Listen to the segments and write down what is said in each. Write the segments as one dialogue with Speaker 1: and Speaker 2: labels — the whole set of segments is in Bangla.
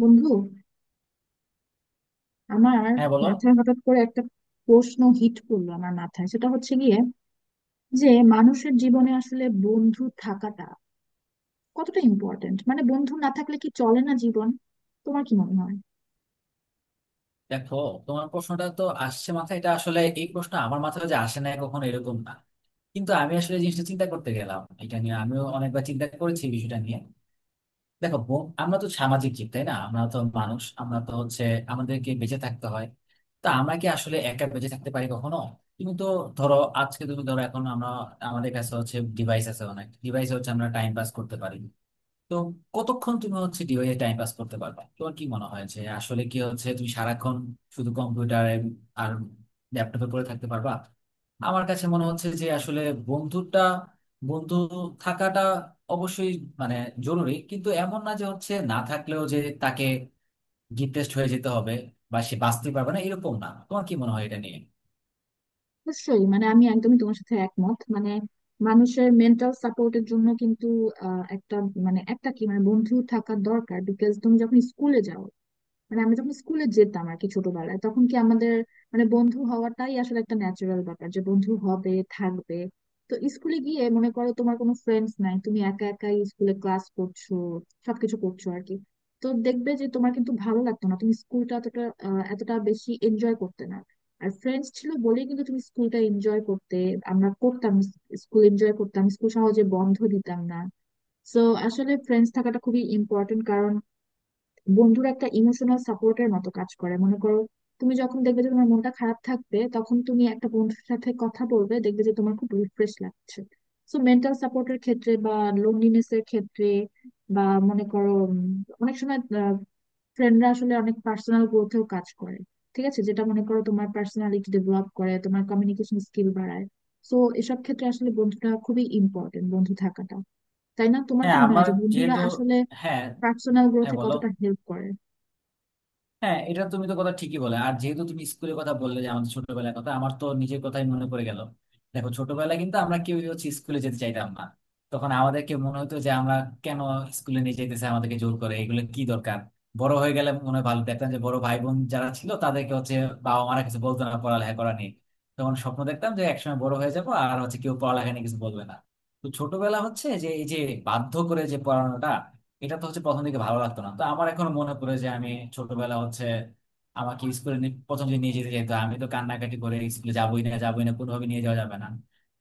Speaker 1: বন্ধু আমার
Speaker 2: হ্যাঁ, বলো।
Speaker 1: মাথায় হঠাৎ করে একটা প্রশ্ন হিট করলো আমার মাথায়। সেটা হচ্ছে গিয়ে যে মানুষের জীবনে আসলে বন্ধু থাকাটা কতটা ইম্পর্টেন্ট, মানে বন্ধু না থাকলে কি চলে না জীবন? তোমার কি মনে হয়?
Speaker 2: দেখো, তোমার প্রশ্নটা তো আসছে মাথায়, এটা আসলে এই প্রশ্ন আমার মাথায় যে আসে না কখনো এরকম না। কিন্তু আমি আসলে এই জিনিসটা চিন্তা করতে গেলাম, এটা নিয়ে আমিও অনেকবার চিন্তা করেছি, এই বিষয়টা নিয়ে। দেখো, আমরা তো সামাজিক জীব, তাই না? আমরা তো মানুষ, আমরা তো হচ্ছে আমাদেরকে বেঁচে থাকতে হয়। তা আমরা কি আসলে একা বেঁচে থাকতে পারি কখনো? তুমি তো ধরো, আজকে তুমি ধরো এখন আমরা, আমাদের কাছে হচ্ছে ডিভাইস আছে, অনেক ডিভাইস হচ্ছে আমরা টাইম পাস করতে পারি। তো কতক্ষণ তুমি হচ্ছে ডিভাইসে টাইম পাস করতে পারবে? তোমার কি মনে হয় যে আসলে কি হচ্ছে তুমি সারাক্ষণ শুধু কম্পিউটারে আর ল্যাপটপে পড়ে থাকতে পারবা? আমার কাছে মনে হচ্ছে যে আসলে বন্ধুটা বন্ধু থাকাটা অবশ্যই মানে জরুরি, কিন্তু এমন না যে হচ্ছে না থাকলেও যে তাকে ডিপ্রেসড হয়ে যেতে হবে বা সে বাঁচতে পারবে না। এরকম না। তোমার কি মনে হয় এটা নিয়ে?
Speaker 1: নিশ্চয়ই, মানে আমি একদমই তোমার সাথে একমত। মানে মানুষের মেন্টাল সাপোর্টের জন্য কিন্তু একটা মানে একটা কি মানে বন্ধু থাকা দরকার, বিকজ তুমি যখন স্কুলে যাও, মানে আমি যখন স্কুলে যেতাম আর কি ছোটবেলায়, তখন কি আমাদের মানে বন্ধু হওয়াটাই আসলে একটা ন্যাচারাল ব্যাপার যে বন্ধু হবে, থাকবে। তো স্কুলে গিয়ে মনে করো তোমার কোনো ফ্রেন্ডস নাই, তুমি একা একাই স্কুলে ক্লাস করছো, সবকিছু করছো আর কি। তো দেখবে যে তোমার কিন্তু ভালো লাগতো না, তুমি স্কুলটা এতটা এতটা বেশি এনজয় করতে না। আর ফ্রেন্ডস ছিল বলেই কিন্তু তুমি স্কুলটা এনজয় করতে, আমরা করতাম, স্কুল এনজয় করতাম, স্কুল সহজে বন্ধ দিতাম না। সো আসলে ফ্রেন্ডস থাকাটা খুবই ইম্পর্টেন্ট। বন্ধুর একটা ইমোশনাল সাপোর্টের মতো কাজ করে, মনে করো তুমি যখন দেখবে যে তোমার মনটা খারাপ থাকবে তখন তুমি একটা বন্ধুর সাথে কথা বলবে, দেখবে যে তোমার খুব রিফ্রেশ লাগছে। সো মেন্টাল সাপোর্টের ক্ষেত্রে বা লোনলিনেস এর ক্ষেত্রে বা মনে করো, অনেক সময় ফ্রেন্ডরা আসলে অনেক পার্সোনাল গ্রোথেও কাজ করে। ঠিক আছে, যেটা মনে করো তোমার পার্সোনালিটি ডেভেলপ করে, তোমার কমিউনিকেশন স্কিল বাড়ায়। সো এসব ক্ষেত্রে আসলে বন্ধুটা খুবই ইম্পর্টেন্ট, বন্ধু থাকাটা, তাই না? তোমার কি
Speaker 2: হ্যাঁ,
Speaker 1: মনে হয়
Speaker 2: আমার,
Speaker 1: যে বন্ধুরা
Speaker 2: যেহেতু,
Speaker 1: আসলে
Speaker 2: হ্যাঁ,
Speaker 1: পার্সোনাল
Speaker 2: হ্যাঁ
Speaker 1: গ্রোথে
Speaker 2: বলো।
Speaker 1: কতটা হেল্প করে?
Speaker 2: হ্যাঁ, এটা তুমি তো কথা ঠিকই বলে, আর যেহেতু তুমি স্কুলের কথা বললে যে আমাদের ছোটবেলার কথা, আমার তো নিজের কথাই মনে পড়ে গেল। দেখো, ছোটবেলায় কিন্তু আমরা কেউ হচ্ছে স্কুলে যেতে চাইতাম না। তখন আমাদেরকে মনে হতো যে আমরা কেন স্কুলে নিয়ে যেতেছে, আমাদেরকে জোর করে, এগুলো কি দরকার? বড় হয়ে গেলে মনে হয় ভালো, দেখতাম যে বড় ভাই বোন যারা ছিল তাদেরকে হচ্ছে বাবা মারা কিছু বলতো না পড়ালেখা করা নিয়ে। তখন স্বপ্ন দেখতাম যে একসময় বড় হয়ে যাবো আর হচ্ছে কেউ পড়ালেখা নিয়ে কিছু বলবে না। তো ছোটবেলা হচ্ছে যে এই যে বাধ্য করে যে পড়ানোটা, এটা তো হচ্ছে প্রথম দিকে ভালো লাগতো না। তো আমার এখন মনে পড়ে যে আমি ছোটবেলা হচ্ছে আমাকে স্কুলে প্রথম যে নিয়ে যেতে যেত, আমি তো কান্নাকাটি করে স্কুলে যাবোই না, যাবোই না, কোনোভাবে নিয়ে যাওয়া যাবে না।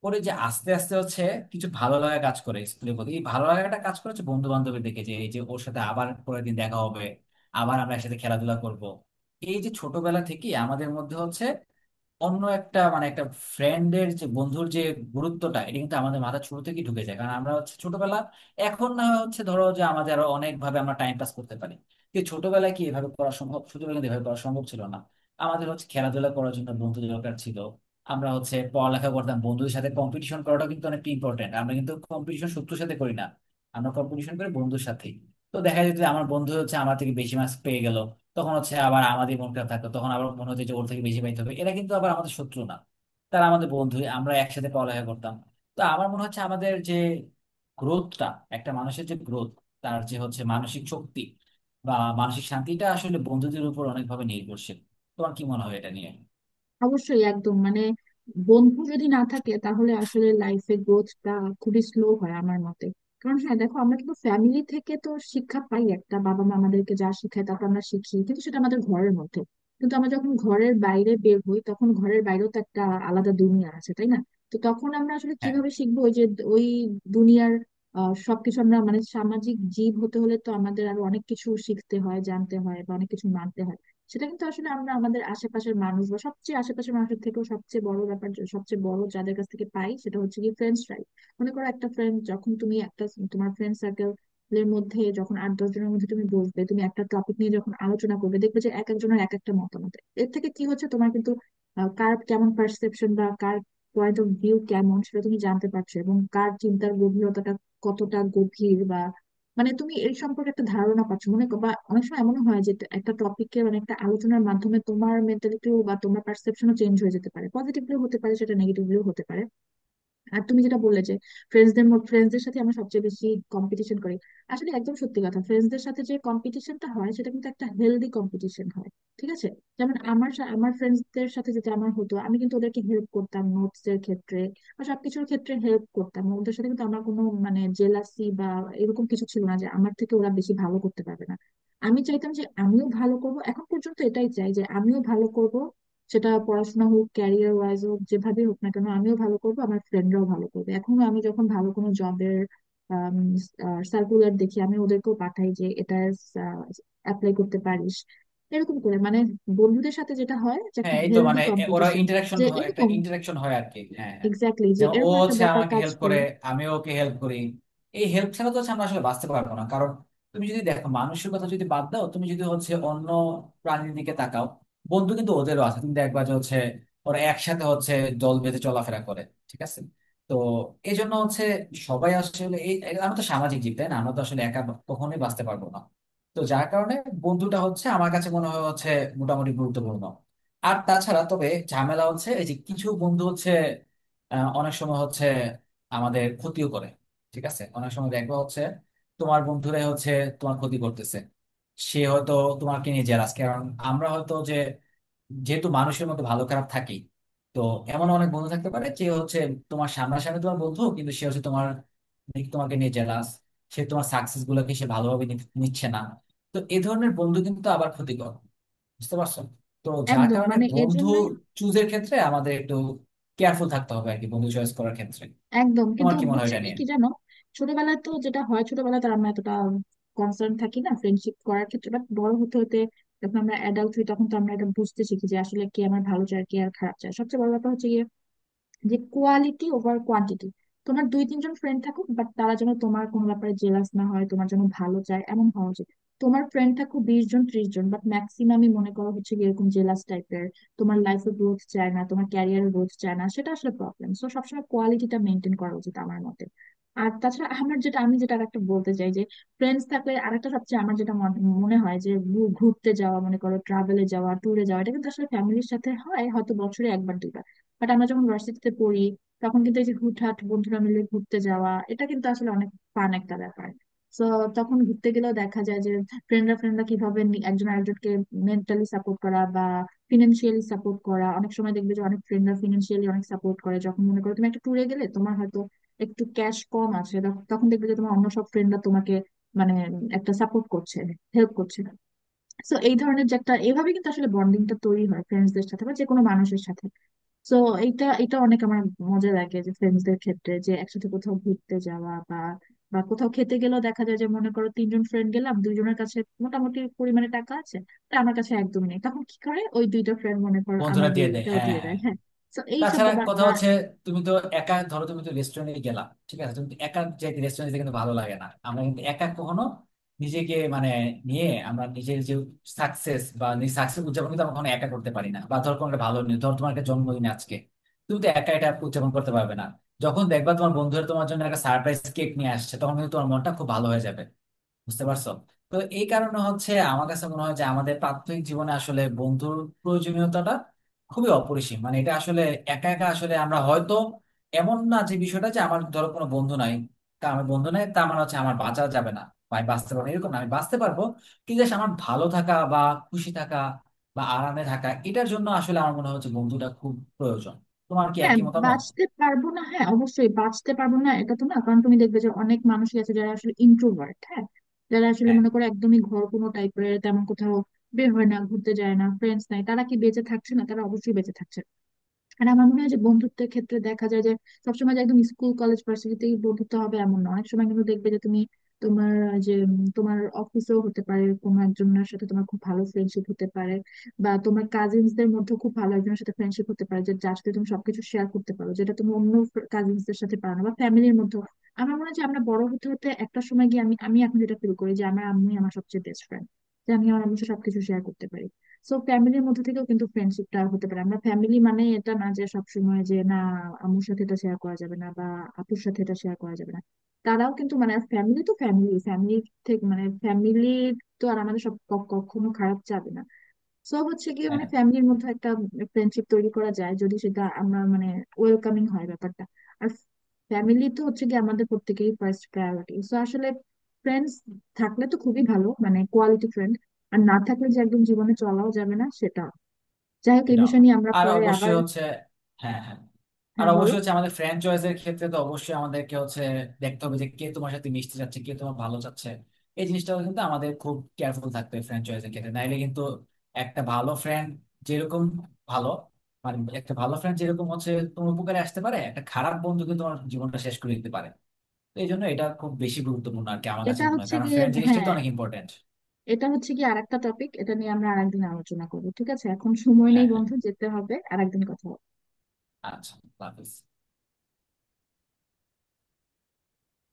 Speaker 2: পরে যে আস্তে আস্তে হচ্ছে কিছু ভালো লাগা কাজ করে স্কুলের প্রতি, এই ভালো লাগাটা কাজ করে হচ্ছে বন্ধু বান্ধবের দেখে, যে এই যে ওর সাথে আবার পরের দিন দেখা হবে, আবার আমরা একসাথে খেলাধুলা করব। এই যে ছোটবেলা থেকে আমাদের মধ্যে হচ্ছে অন্য একটা মানে একটা ফ্রেন্ডের যে বন্ধুর যে গুরুত্বটা, এটা কিন্তু আমাদের মাথা শুরু থেকে ঢুকে যায়, কারণ আমরা হচ্ছে ছোটবেলা। এখন না হয় হচ্ছে ধরো যে আমাদের আরো অনেক ভাবে আমরা টাইম পাস করতে পারি, কিন্তু ছোটবেলায় কি এভাবে করা সম্ভব? ছোটবেলায় কিন্তু এভাবে করা সম্ভব ছিল না। আমাদের হচ্ছে খেলাধুলা করার জন্য বন্ধু দরকার ছিল। আমরা হচ্ছে পড়ালেখা করতাম, বন্ধুদের সাথে কম্পিটিশন করাটা কিন্তু অনেক ইম্পর্টেন্ট। আমরা কিন্তু কম্পিটিশন শত্রুর সাথে করি না, আমরা কম্পিটিশন করি বন্ধুর সাথে। তো দেখা যেত যে আমার বন্ধু হচ্ছে আমার থেকে বেশি মার্কস পেয়ে গেল, তখন হচ্ছে আবার আমাদের মন খারাপ থাকতো, তখন আবার মনে হতো যে ওর থেকে বেশি পাইতে হবে। এরা কিন্তু আবার আমাদের শত্রু না, তারা আমাদের বন্ধু, আমরা একসাথে পড়ালেখা করতাম। তো আমার মনে হচ্ছে আমাদের যে গ্রোথটা, একটা মানুষের যে গ্রোথ, তার যে হচ্ছে মানসিক শক্তি বা মানসিক শান্তিটা, আসলে বন্ধুদের উপর অনেকভাবে নির্ভরশীল। তোমার কি মনে হয় এটা নিয়ে?
Speaker 1: অবশ্যই, একদম মানে বন্ধু যদি না থাকে তাহলে আসলে লাইফে গ্রোথটা খুবই স্লো হয় আমার মতে। কারণ হ্যাঁ দেখো, আমরা কিন্তু ফ্যামিলি থেকে তো শিক্ষা পাই একটা, বাবা মা আমাদেরকে যা শিখায় তারপর আমরা শিখি, কিন্তু সেটা আমাদের ঘরের মধ্যে। কিন্তু আমরা যখন ঘরের বাইরে বের হই তখন ঘরের বাইরেও তো একটা আলাদা দুনিয়া আছে, তাই না? তো তখন আমরা আসলে কিভাবে শিখবো ওই যে ওই দুনিয়ার সবকিছু? আমরা মানে সামাজিক জীব হতে হলে তো আমাদের আরো অনেক কিছু শিখতে হয়, জানতে হয় বা অনেক কিছু মানতে হয়। সেটা কিন্তু আসলে আমরা আমাদের আশেপাশের মানুষ বা সবচেয়ে আশেপাশের মানুষের থেকেও সবচেয়ে বড় ব্যাপার সবচেয়ে বড় যাদের কাছ থেকে পাই সেটা হচ্ছে কি ফ্রেন্ডসরাই। মনে করো একটা ফ্রেন্ড, যখন তুমি একটা তোমার ফ্রেন্ড সার্কেল এর মধ্যে যখন 8-10 জনের মধ্যে তুমি বসবে, তুমি একটা টপিক নিয়ে যখন আলোচনা করবে দেখবে যে এক একজনের এক একটা মতামত। এর থেকে কি হচ্ছে, তোমার কিন্তু কার কেমন পারসেপশন বা কার পয়েন্ট অফ ভিউ কেমন সেটা তুমি জানতে পারছো, এবং কার চিন্তার গভীরতাটা কতটা গভীর বা মানে তুমি এই সম্পর্কে একটা ধারণা পাচ্ছ। বা অনেক সময় এমন হয় যে একটা টপিকের মানে একটা আলোচনার মাধ্যমে তোমার মেন্টালিটিও বা তোমার পারসেপশনও চেঞ্জ হয়ে যেতে পারে, পজিটিভলিও হতে পারে সেটা, নেগেটিভলিও হতে পারে। আর তুমি যেটা বললে যে ফ্রেন্ডসদের ফ্রেন্ডসদের সাথে আমরা সবচেয়ে বেশি কম্পিটিশন করি, আসলে একদম সত্যি কথা। ফ্রেন্ডসদের সাথে যে কম্পিটিশনটা হয় সেটা কিন্তু একটা হেলদি কম্পিটিশন হয়, ঠিক আছে? যেমন আমার ফ্রেন্ডসদের সাথে যেটা আমার হতো, আমি কিন্তু ওদেরকে হেল্প করতাম নোটস এর ক্ষেত্রে বা সবকিছুর ক্ষেত্রে, হেল্প করতাম ওদের সাথে। কিন্তু আমার কোনো মানে জেলাসি বা এরকম কিছু ছিল না যে আমার থেকে ওরা বেশি ভালো করতে পারবে না। আমি চাইতাম যে আমিও ভালো করব, এখন পর্যন্ত এটাই চাই যে আমিও ভালো করব। সেটা পড়াশোনা হোক, ক্যারিয়ার ওয়াইজ হোক, যেভাবে হোক না কেন আমিও ভালো করবো, আমার ফ্রেন্ডরাও ভালো করবে। এখনো আমি যখন ভালো কোনো জবের সার্কুলার দেখি, আমি ওদেরকেও পাঠাই যে এটা অ্যাপ্লাই করতে পারিস। এরকম করে মানে বন্ধুদের সাথে যেটা হয় যে একটা
Speaker 2: হ্যাঁ, এই তো
Speaker 1: হেলদি
Speaker 2: মানে ওরা
Speaker 1: কম্পিটিশন,
Speaker 2: ইন্টারাকশন
Speaker 1: যে
Speaker 2: হয়, একটা
Speaker 1: এরকম
Speaker 2: ইন্টারাকশন হয় আর কি। হ্যাঁ, হ্যাঁ।
Speaker 1: এক্স্যাক্টলি, যে
Speaker 2: যেমন ও
Speaker 1: এরকম একটা
Speaker 2: হচ্ছে
Speaker 1: ব্যাপার
Speaker 2: আমাকে
Speaker 1: কাজ
Speaker 2: হেল্প
Speaker 1: করে।
Speaker 2: করে, আমি ওকে হেল্প করি। এই হেল্প ছাড়া তো হচ্ছে আমরা আসলে বাঁচতে পারবো না। কারণ তুমি যদি দেখো মানুষের কথা যদি বাদ দাও, তুমি যদি হচ্ছে অন্য প্রাণীর দিকে তাকাও, বন্ধু কিন্তু ওদেরও আছে। তুমি দেখবা যে হচ্ছে ওরা একসাথে হচ্ছে দল বেঁধে চলাফেরা করে, ঠিক আছে? তো এই জন্য হচ্ছে সবাই আসলে এই এই- আমরা তো সামাজিক জীব, তাই না? আমরা তো আসলে একা কখনোই বাঁচতে পারবো না। তো যার কারণে বন্ধুটা হচ্ছে আমার কাছে মনে হয় হচ্ছে মোটামুটি গুরুত্বপূর্ণ। আর তাছাড়া তবে ঝামেলা হচ্ছে এই যে কিছু বন্ধু হচ্ছে অনেক সময় হচ্ছে আমাদের ক্ষতিও করে। ঠিক আছে, অনেক সময় দেখবো হচ্ছে তোমার বন্ধুরাই হচ্ছে তোমার ক্ষতি করতেছে। সে হয়তো তোমাকে নিয়ে জেলাস, কারণ আমরা হয়তো যে, যেহেতু মানুষের মতো ভালো খারাপ থাকি। তো এমন অনেক বন্ধু থাকতে পারে যে হচ্ছে তোমার সামনাসামনি তোমার বন্ধু, কিন্তু সে হচ্ছে তোমার দিক তোমাকে নিয়ে জেলাস। সে তোমার সাকসেস গুলোকে সে ভালোভাবে নিচ্ছে না। তো এই ধরনের বন্ধু কিন্তু আবার ক্ষতিকর, বুঝতে পারছো? তো যার
Speaker 1: একদম
Speaker 2: কারণে
Speaker 1: মানে
Speaker 2: বন্ধু
Speaker 1: এজন্যই
Speaker 2: চুজের ক্ষেত্রে আমাদের একটু কেয়ারফুল থাকতে হবে আর কি, বন্ধু চয়েস করার ক্ষেত্রে।
Speaker 1: একদম,
Speaker 2: তোমার
Speaker 1: কিন্তু
Speaker 2: কি মনে হয়
Speaker 1: হচ্ছে
Speaker 2: এটা
Speaker 1: গিয়ে
Speaker 2: নিয়ে?
Speaker 1: কি জানো, ছোটবেলায় তো যেটা হয় ছোটবেলায় তো আমরা এতটা কনসার্ন থাকি না ফ্রেন্ডশিপ করার ক্ষেত্রে, বাট বড় হতে হতে যখন আমরা অ্যাডাল্ট হই তখন তো আমরা এটা বুঝতে শিখি যে আসলে কে আমার ভালো চায়, কে আর খারাপ চায়। সবচেয়ে বড় ব্যাপার হচ্ছে গিয়ে যে কোয়ালিটি ওভার কোয়ান্টিটি। তোমার 2-3 জন ফ্রেন্ড থাকুক বাট তারা যেন তোমার কোনো ব্যাপারে জেলাস না হয়, তোমার জন্য ভালো চায় এমন হওয়া উচিত। তোমার ফ্রেন্ড থাকুক 20 জন 30 জন, বাট ম্যাক্সিমামই মনে করো হচ্ছে গিয়ে এরকম জেলাস টাইপের, তোমার লাইফে গ্রোথ চায় না, তোমার ক্যারিয়ার গ্রোথ চায় না, সেটা আসলে প্রবলেম। সো সবসময় কোয়ালিটিটা মেনটেন করা উচিত আমার মতে। আর তাছাড়া আমার যেটা আমি যেটা আরেকটা বলতে চাই যে ফ্রেন্ডস থাকলে আরেকটা সবচেয়ে আমার যেটা মনে হয় যে ঘুরতে যাওয়া, মনে করো ট্রাভেলে যাওয়া, ট্যুরে যাওয়া, এটা কিন্তু আসলে ফ্যামিলির সাথে হয় হয়তো বছরে 1-2 বার। বাট আমরা যখন ভার্সিটিতে পড়ি, তখন কিন্তু এই যে হুটহাট বন্ধুরা মিলে ঘুরতে যাওয়া, এটা কিন্তু আসলে অনেক ফান একটা ব্যাপার। তো তখন ঘুরতে গেলেও দেখা যায় যে ফ্রেন্ডরা ফ্রেন্ডরা কিভাবে একজন আরেকজনকে মেন্টালি সাপোর্ট করা বা ফিনান্সিয়ালি সাপোর্ট করা। অনেক সময় দেখবে যে অনেক ফ্রেন্ডরা ফিনান্সিয়ালি অনেক সাপোর্ট করে, যখন মনে করো তুমি একটা ট্যুরে গেলে তোমার হয়তো একটু ক্যাশ কম আছে, তখন দেখবে যে তোমার অন্য সব ফ্রেন্ডরা তোমাকে মানে একটা সাপোর্ট করছে, হেল্প করছে। সো এই ধরনের যে একটা, এইভাবে কিন্তু আসলে বন্ডিংটা তৈরি হয় ফ্রেন্ডসদের সাথে বা যে কোনো মানুষের সাথে। তো এটা এটা অনেক আমার মজা লাগে যে ফ্রেন্ডসদের ক্ষেত্রে যে একসাথে কোথাও ঘুরতে যাওয়া বা বা কোথাও খেতে গেলেও দেখা যায় যে মনে করো 3 জন ফ্রেন্ড গেলাম, 2 জনের কাছে মোটামুটি পরিমাণে টাকা আছে, তা আমার কাছে একদমই নেই, তখন কি করে ওই 2টা ফ্রেন্ড মনে করো আমার
Speaker 2: বন্ধুরা দিয়ে দেয়,
Speaker 1: বিলটাও
Speaker 2: হ্যাঁ,
Speaker 1: দিয়ে
Speaker 2: হ্যাঁ।
Speaker 1: দেয়। হ্যাঁ, তো এই সব
Speaker 2: তাছাড়া
Speaker 1: ব্যাপার
Speaker 2: কথা
Speaker 1: বা
Speaker 2: হচ্ছে তুমি তো একা ধরো তুমি তো রেস্টুরেন্টে গেলা, ঠিক আছে? তুমি তো একা যে রেস্টুরেন্টে কিন্তু ভালো লাগে না। আমরা কিন্তু একা কখনো নিজেকে মানে নিয়ে, আমরা নিজের যে সাকসেস বা সাকসেস উদযাপন কিন্তু আমরা কখনো একা করতে পারি না। বা ধরো কোনো একটা ভালো নিউজ, ধরো তোমার একটা জন্মদিন আজকে, তুমি তো একা এটা উদযাপন করতে পারবে না। যখন দেখবা তোমার বন্ধুরা তোমার জন্য একটা সারপ্রাইজ কেক নিয়ে আসছে, তখন কিন্তু তোমার মনটা খুব ভালো হয়ে যাবে। বুঝতে পারছো? তো এই কারণে হচ্ছে আমার কাছে মনে হয় যে আমাদের প্রাত্যহিক জীবনে আসলে বন্ধুর প্রয়োজনীয়তাটা খুবই অপরিসীম। মানে এটা আসলে একা একা আসলে আমরা হয়তো, এমন না যে বিষয়টা যে আমার ধরো কোনো বন্ধু নাই, তা আমার বন্ধু নাই তা আমার হচ্ছে আমার বাঁচা যাবে না বা আমি বাঁচতে পারবো না। এরকম না, আমি বাঁচতে পারবো। কিন্তু just আমার ভালো থাকা বা খুশি থাকা বা আরামে থাকা, এটার জন্য আসলে আমার মনে হচ্ছে বন্ধুটা খুব প্রয়োজন। তোমার কি
Speaker 1: হ্যাঁ
Speaker 2: একই মতামত?
Speaker 1: বাঁচতে পারবো না, হ্যাঁ অবশ্যই বাঁচতে পারবো না এটা তো না। কারণ তুমি দেখবে যে অনেক মানুষই আছে যারা আসলে ইন্ট্রোভার্ট, হ্যাঁ, যারা আসলে
Speaker 2: হ্যাঁ,
Speaker 1: মনে করো একদমই ঘর কোনো টাইপের, তেমন কোথাও বের হয় না, ঘুরতে যায় না, ফ্রেন্ডস নাই, তারা কি বেঁচে থাকছে না? তারা অবশ্যই বেঁচে থাকছে না। আর আমার মনে হয় যে বন্ধুত্বের ক্ষেত্রে দেখা যায় যে সবসময় যে একদম স্কুল কলেজ ভার্সিটিতেই বন্ধুত্ব হবে এমন না, অনেক সময় কিন্তু দেখবে যে তুমি তোমার তোমার অফিসেও হতে পারে কোনো একজনের সাথে তোমার খুব ভালো ফ্রেন্ডশিপ হতে পারে, বা তোমার কাজিনস দের মধ্যে খুব ভালো একজনের সাথে ফ্রেন্ডশিপ হতে পারে, যে যার সাথে তুমি সবকিছু শেয়ার করতে পারো, যেটা তুমি অন্য কাজিনস দের সাথে পারো না বা ফ্যামিলির মধ্যে। আমার মনে হয় যে আমরা বড় হতে হতে একটা সময় গিয়ে, আমি আমি এখন যেটা ফিল করি যে আমার আম্মুই আমার সবচেয়ে বেস্ট ফ্রেন্ড, যে আমি আমার আম্মুর সাথে সবকিছু শেয়ার করতে পারি। সো ফ্যামিলির মধ্যে থেকেও কিন্তু ফ্রেন্ডশিপটা হতে পারে। আমরা ফ্যামিলি মানে এটা না যে সবসময় যে না, আম্মুর সাথে এটা শেয়ার করা যাবে না বা আপুর সাথে এটা শেয়ার করা যাবে না। তারাও কিন্তু মানে ফ্যামিলি, তো ফ্যামিলি ফ্যামিলি থেকে মানে ফ্যামিলি, তো আর আমাদের কখনো খারাপ যাবে না। সো হচ্ছে গিয়ে মানে
Speaker 2: হ্যাঁ,
Speaker 1: ফ্যামিলির মধ্যে একটা ফ্রেন্ডশিপ তৈরি করা যায়, যদি সেটা আমরা মানে ওয়েলকামিং হয় ব্যাপারটা। আর ফ্যামিলি তো হচ্ছে গিয়ে আমাদের প্রত্যেকেরই ফার্স্ট প্রায়োরিটি। সো আসলে ফ্রেন্ডস থাকলে তো খুবই ভালো, মানে কোয়ালিটি ফ্রেন্ড, আর না থাকলে যে একদম জীবনে চলাও যাবে না সেটা, যাই হোক এই
Speaker 2: এটাও
Speaker 1: বিষয়
Speaker 2: না।
Speaker 1: নিয়ে আমরা
Speaker 2: আর
Speaker 1: পরে
Speaker 2: অবশ্যই
Speaker 1: আবার।
Speaker 2: হচ্ছে, হ্যাঁ, হ্যাঁ। আর
Speaker 1: হ্যাঁ বলো।
Speaker 2: অবশ্যই হচ্ছে আমাদের ফ্র্যাঞ্চাইজ এর ক্ষেত্রে তো অবশ্যই আমাদেরকে হচ্ছে দেখতে হবে যে কে তোমার সাথে মিশতে চাচ্ছে, কে তোমার ভালো চাচ্ছে। এই জিনিসটা কিন্তু আমাদের খুব কেয়ারফুল থাকতে হবে ফ্র্যাঞ্চাইজ এর ক্ষেত্রে, নাইলে কিন্তু একটা ভালো ফ্রেন্ড যেরকম ভালো একটা ভালো ফ্রেন্ড যেরকম হচ্ছে তোমার উপকারে আসতে পারে, একটা খারাপ বন্ধু কিন্তু তোমার জীবনটা শেষ করে দিতে পারে। তো এই জন্য এটা খুব বেশি গুরুত্বপূর্ণ আর কি, আমার কাছে
Speaker 1: এটা
Speaker 2: মনে হয়,
Speaker 1: হচ্ছে
Speaker 2: কারণ
Speaker 1: গিয়ে,
Speaker 2: ফ্রেন্ড জিনিসটাই তো
Speaker 1: হ্যাঁ,
Speaker 2: অনেক ইম্পর্টেন্ট।
Speaker 1: এটা হচ্ছে কি আরেকটা টপিক, এটা নিয়ে আমরা আরেকদিন আলোচনা করবো, ঠিক আছে? এখন সময় নেই,
Speaker 2: হ্যাঁ, হ্যাঁ।
Speaker 1: বন্ধু, যেতে হবে, আরেকদিন কথা হবে।
Speaker 2: আচ্ছা, আল্লাহ হাফিজ।